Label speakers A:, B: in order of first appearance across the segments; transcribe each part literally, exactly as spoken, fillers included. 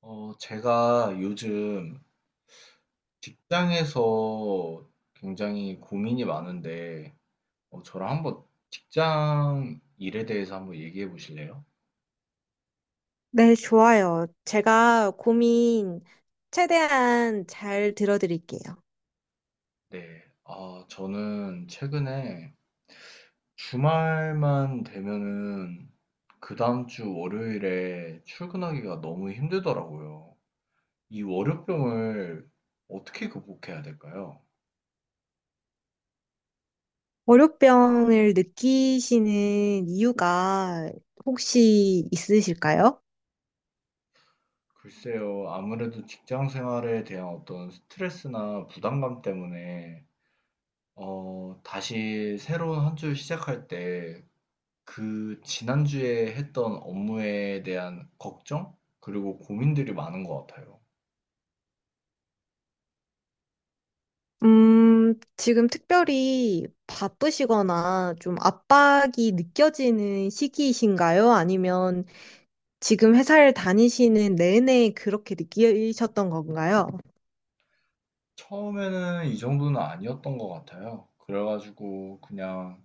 A: 어, 제가 요즘 직장에서 굉장히 고민이 많은데, 어, 저랑 한번 직장 일에 대해서 한번 얘기해 보실래요?
B: 네, 좋아요. 제가 고민 최대한 잘 들어드릴게요.
A: 네, 아, 저는 최근에 주말만 되면은 그 다음 주 월요일에 출근하기가 너무 힘들더라고요. 이 월요병을 어떻게 극복해야 될까요?
B: 월요병을 느끼시는 이유가 혹시 있으실까요?
A: 글쎄요, 아무래도 직장 생활에 대한 어떤 스트레스나 부담감 때문에 어, 다시 새로운 한 주 시작할 때 그 지난주에 했던 업무에 대한 걱정? 그리고 고민들이 많은 것 같아요.
B: 음, 지금 특별히 바쁘시거나 좀 압박이 느껴지는 시기이신가요? 아니면 지금 회사를 다니시는 내내 그렇게 느끼셨던 건가요?
A: 처음에는 이 정도는 아니었던 것 같아요. 그래가지고 그냥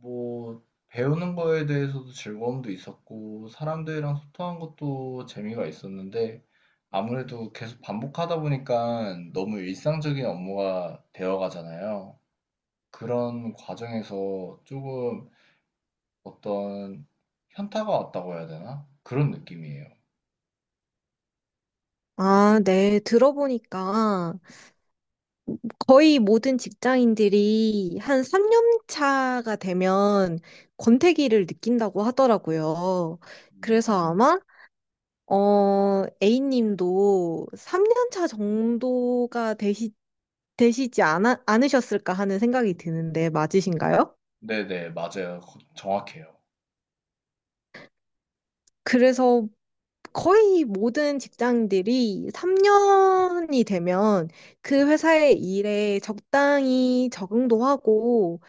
A: 뭐 배우는 거에 대해서도 즐거움도 있었고 사람들이랑 소통한 것도 재미가 있었는데 아무래도 계속 반복하다 보니까 너무 일상적인 업무가 되어가잖아요. 그런 과정에서 조금 어떤 현타가 왔다고 해야 되나? 그런 느낌이에요.
B: 아, 네, 들어보니까 거의 모든 직장인들이 한 삼 년 차가 되면 권태기를 느낀다고 하더라고요. 그래서
A: 음,
B: 아마, 어, A님도 삼 년 차 정도가 되시, 되시지 않아, 않으셨을까 하는 생각이 드는데 맞으신가요?
A: 네네, 맞아요. 거- 정확해요.
B: 그래서 거의 모든 직장인들이 삼 년이 되면 그 회사의 일에 적당히 적응도 하고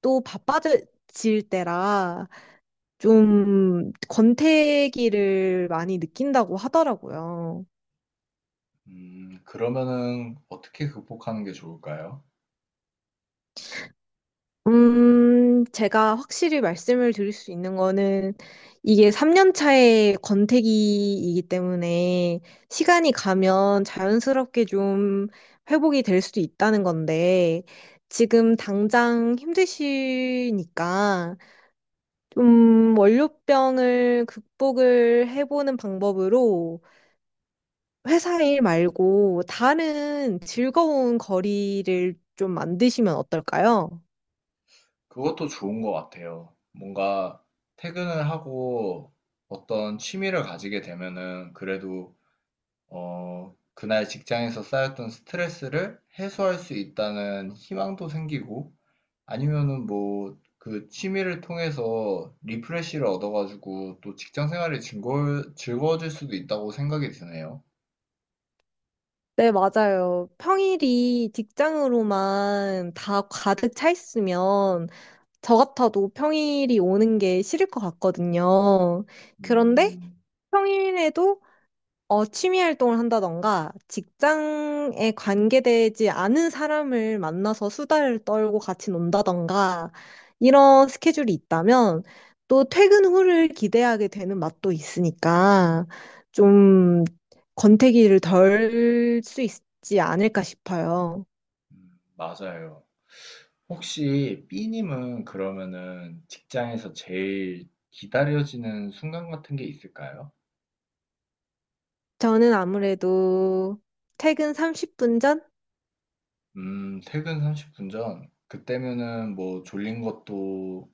B: 또 바빠질 때라 좀 권태기를 많이 느낀다고 하더라고요.
A: 음, 그러면은 어떻게 극복하는 게 좋을까요?
B: 음, 제가 확실히 말씀을 드릴 수 있는 거는 이게 삼 년 차의 권태기이기 때문에 시간이 가면 자연스럽게 좀 회복이 될 수도 있다는 건데 지금 당장 힘드시니까 좀 월요병을 극복을 해보는 방법으로 회사 일 말고 다른 즐거운 거리를 좀 만드시면 어떨까요?
A: 그것도 좋은 것 같아요. 뭔가 퇴근을 하고 어떤 취미를 가지게 되면은 그래도 어, 그날 직장에서 쌓였던 스트레스를 해소할 수 있다는 희망도 생기고 아니면은 뭐 그 취미를 통해서 리프레시를 얻어가지고 또 직장 생활이 즐거워, 즐거워질 수도 있다고 생각이 드네요.
B: 네, 맞아요. 평일이 직장으로만 다 가득 차 있으면 저 같아도 평일이 오는 게 싫을 것 같거든요. 그런데
A: 음,
B: 평일에도 어, 취미 활동을 한다던가, 직장에 관계되지 않은 사람을 만나서 수다를 떨고 같이 논다던가, 이런 스케줄이 있다면, 또 퇴근 후를 기대하게 되는 맛도 있으니까, 좀 권태기를 덜 수 있지 않을까 싶어요.
A: 맞아요. 혹시 B님은 그러면은 직장에서 제일 기다려지는 순간 같은 게 있을까요?
B: 저는 아무래도 퇴근 삼십 분 전?
A: 음, 퇴근 삼십 분 전. 그때면은 뭐 졸린 것도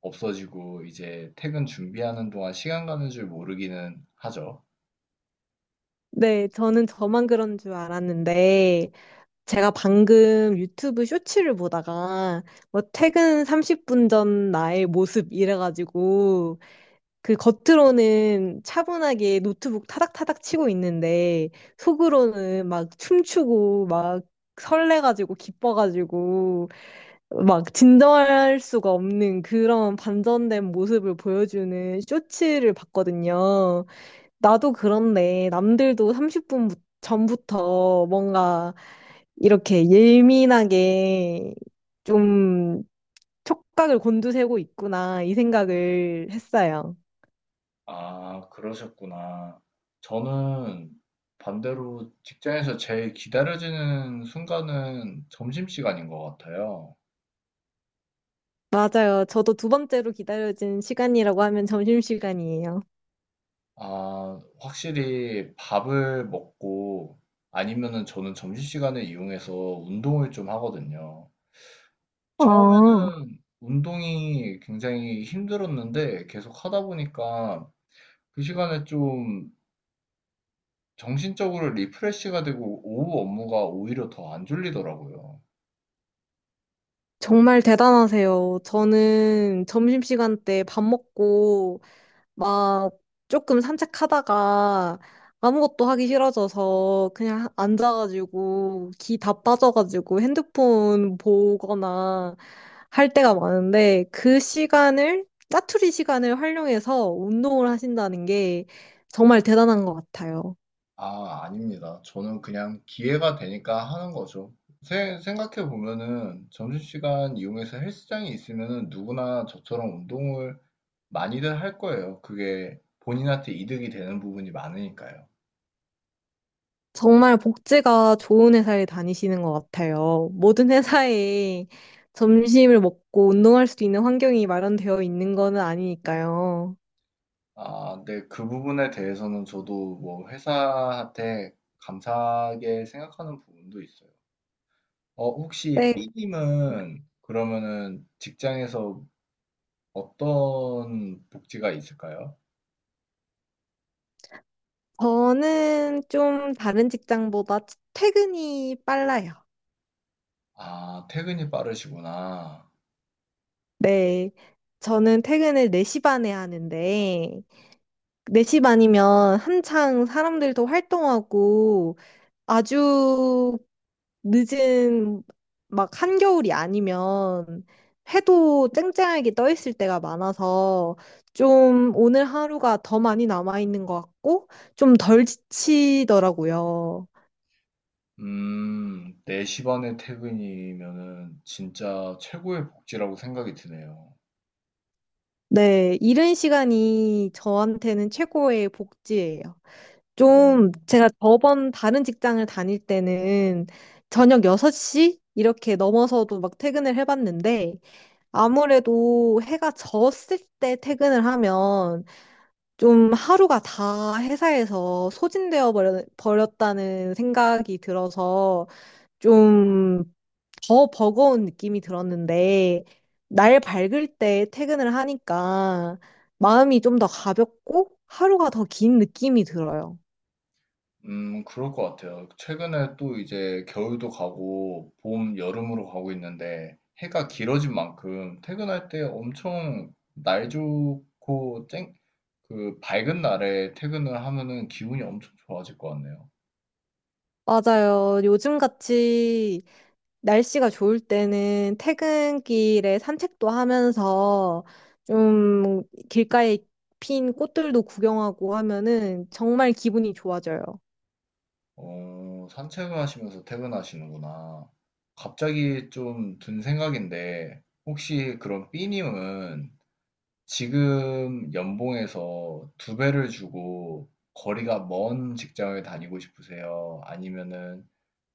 A: 없어지고 이제 퇴근 준비하는 동안 시간 가는 줄 모르기는 하죠.
B: 네, 저는 저만 그런 줄 알았는데, 제가 방금 유튜브 쇼츠를 보다가 뭐 퇴근 삼십 분 전 나의 모습 이래가지고 그 겉으로는 차분하게 노트북 타닥타닥 치고 있는데 속으로는 막 춤추고 막 설레가지고 기뻐가지고 막 진정할 수가 없는 그런 반전된 모습을 보여주는 쇼츠를 봤거든요. 나도 그런데 남들도 삼십 분 전부터 뭔가 이렇게 예민하게 좀 촉각을 곤두세우고 있구나, 이 생각을 했어요.
A: 아, 그러셨구나. 저는 반대로 직장에서 제일 기다려지는 순간은 점심시간인 것 같아요.
B: 맞아요. 저도 두 번째로 기다려진 시간이라고 하면 점심시간이에요.
A: 아, 확실히 밥을 먹고 아니면은 저는 점심시간을 이용해서 운동을 좀 하거든요.
B: 아,
A: 처음에는 운동이 굉장히 힘들었는데 계속 하다 보니까 그 시간에 좀 정신적으로 리프레시가 되고 오후 업무가 오히려 더 안 졸리더라고요.
B: 정말 대단하세요. 저는 점심시간 때 밥 먹고 막 조금 산책하다가 아무것도 하기 싫어져서 그냥 앉아가지고 기 다 빠져가지고 핸드폰 보거나 할 때가 많은데 그 시간을 짜투리 시간을 활용해서 운동을 하신다는 게 정말 대단한 것 같아요.
A: 아, 아닙니다. 저는 그냥 기회가 되니까 하는 거죠. 생각해 보면은 점심시간 이용해서 헬스장이 있으면은 누구나 저처럼 운동을 많이들 할 거예요. 그게 본인한테 이득이 되는 부분이 많으니까요.
B: 정말 복지가 좋은 회사에 다니시는 것 같아요. 모든 회사에 점심을 먹고 운동할 수 있는 환경이 마련되어 있는 거는 아니니까요.
A: 아, 근데 그 부분에 대해서는 저도 뭐 회사한테 감사하게 생각하는 부분도 있어요. 어, 혹시
B: 네,
A: B님은 그러면은 직장에서 어떤 복지가 있을까요?
B: 저는 좀 다른 직장보다 퇴근이 빨라요.
A: 아, 퇴근이 빠르시구나.
B: 네. 저는 퇴근을 네 시 반에 하는데, 네 시 반이면 한창 사람들도 활동하고, 아주 늦은, 막 한겨울이 아니면, 해도 쨍쨍하게 떠 있을 때가 많아서, 좀 오늘 하루가 더 많이 남아있는 것 같고, 좀 덜 지치더라고요.
A: 음, 네 시 반에 퇴근이면은 진짜 최고의 복지라고 생각이 드네요.
B: 네, 이른 시간이 저한테는 최고의 복지예요. 좀
A: 그러네요.
B: 제가 저번 다른 직장을 다닐 때는 저녁 여섯 시 이렇게 넘어서도 막 퇴근을 해봤는데 아무래도 해가 졌을 때 퇴근을 하면 좀 하루가 다 회사에서 소진되어 버려- 버렸다는 생각이 들어서 좀 더 버거운 느낌이 들었는데, 날 밝을 때 퇴근을 하니까 마음이 좀 더 가볍고 하루가 더 긴 느낌이 들어요.
A: 음, 그럴 것 같아요. 최근에 또 이제 겨울도 가고 봄, 여름으로 가고 있는데 해가 길어진 만큼 퇴근할 때 엄청 날 좋고 쨍, 그 밝은 날에 퇴근을 하면은 기분이 엄청 좋아질 것 같네요.
B: 맞아요. 요즘같이 날씨가 좋을 때는 퇴근길에 산책도 하면서 좀 길가에 핀 꽃들도 구경하고 하면은 정말 기분이 좋아져요.
A: 어, 산책을 하시면서 퇴근하시는구나. 갑자기 좀 든 생각인데, 혹시 그럼 B님은 지금 연봉에서 두 배를 주고 거리가 먼 직장을 다니고 싶으세요? 아니면은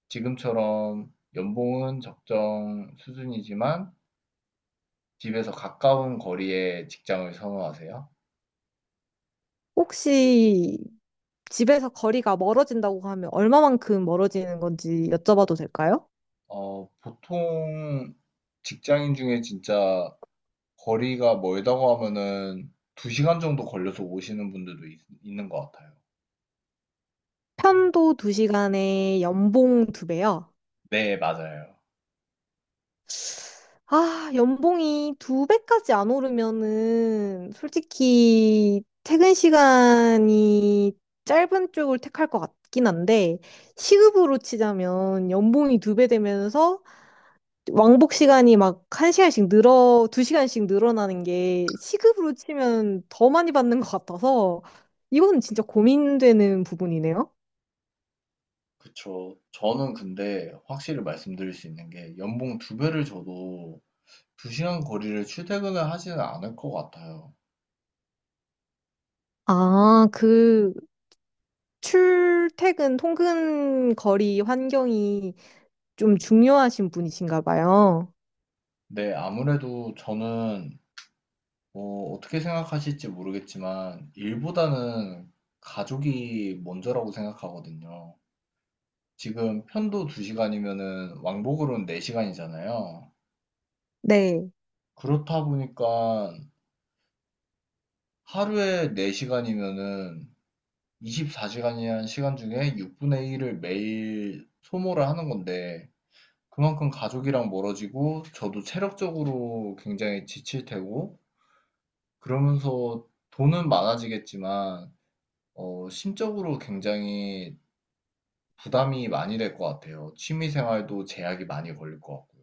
A: 지금처럼 연봉은 적정 수준이지만 집에서 가까운 거리에 직장을 선호하세요?
B: 혹시 집에서 거리가 멀어진다고 하면 얼마만큼 멀어지는 건지 여쭤봐도 될까요?
A: 어, 보통 직장인 중에 진짜 거리가 멀다고 하면은 두 시간 정도 걸려서 오시는 분들도 있, 있는 것 같아요.
B: 편도 두 시간에 연봉 두 배요.
A: 네, 맞아요.
B: 아, 연봉이 두 배까지 안 오르면은 솔직히 퇴근 시간이 짧은 쪽을 택할 것 같긴 한데 시급으로 치자면 연봉이 두 배 되면서 왕복 시간이 막 한 시간씩 늘어, 두 시간씩 늘어나는 게 시급으로 치면 더 많이 받는 것 같아서 이건 진짜 고민되는 부분이네요.
A: 그쵸. 저는 근데 확실히 말씀드릴 수 있는 게 연봉 두 배를 줘도 두 시간 거리를 출퇴근을 하지는 않을 것 같아요.
B: 아, 그 출퇴근 통근 거리 환경이 좀 중요하신 분이신가 봐요.
A: 네, 아무래도 저는 어, 어떻게 생각하실지 모르겠지만 일보다는 가족이 먼저라고 생각하거든요. 지금 편도 두 시간이면은 왕복으로는 네 시간이잖아요.
B: 네.
A: 그렇다 보니까 하루에 네 시간이면은 이십사 시간이라는 시간 중에 육분의 일을 매일 소모를 하는 건데, 그만큼 가족이랑 멀어지고, 저도 체력적으로 굉장히 지칠 테고, 그러면서 돈은 많아지겠지만, 어, 심적으로 굉장히 부담이 많이 될 것 같아요. 취미 생활도 제약이 많이 걸릴 것 같고요.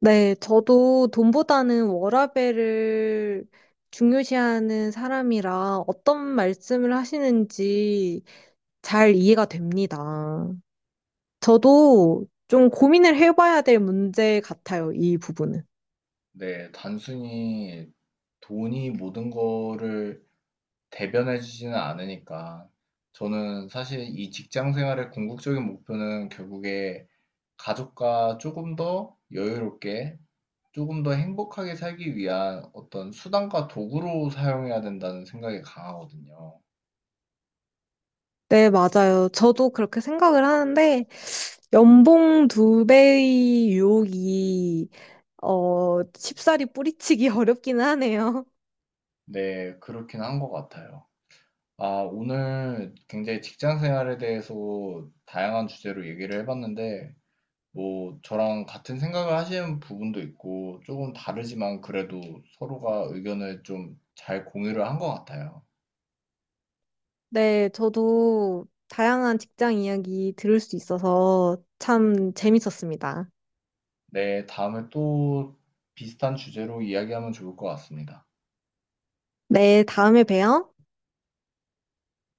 B: 네, 저도 돈보다는 워라밸을 중요시하는 사람이라 어떤 말씀을 하시는지 잘 이해가 됩니다. 저도 좀 고민을 해봐야 될 문제 같아요, 이 부분은.
A: 네, 단순히 돈이 모든 거를 대변해 주지는 않으니까. 저는 사실 이 직장 생활의 궁극적인 목표는 결국에 가족과 조금 더 여유롭게, 조금 더 행복하게 살기 위한 어떤 수단과 도구로 사용해야 된다는 생각이 강하거든요.
B: 네, 맞아요. 저도 그렇게 생각을 하는데, 연봉 두 배의 유혹이 어, 쉽사리 뿌리치기 어렵기는 하네요.
A: 네, 그렇긴 한 것 같아요. 아, 오늘 굉장히 직장 생활에 대해서 다양한 주제로 얘기를 해봤는데, 뭐 저랑 같은 생각을 하시는 부분도 있고 조금 다르지만 그래도 서로가 의견을 좀 잘 공유를 한 것 같아요.
B: 네, 저도 다양한 직장 이야기 들을 수 있어서 참 재밌었습니다.
A: 네, 다음에 또 비슷한 주제로 이야기하면 좋을 것 같습니다.
B: 네, 다음에 봬요.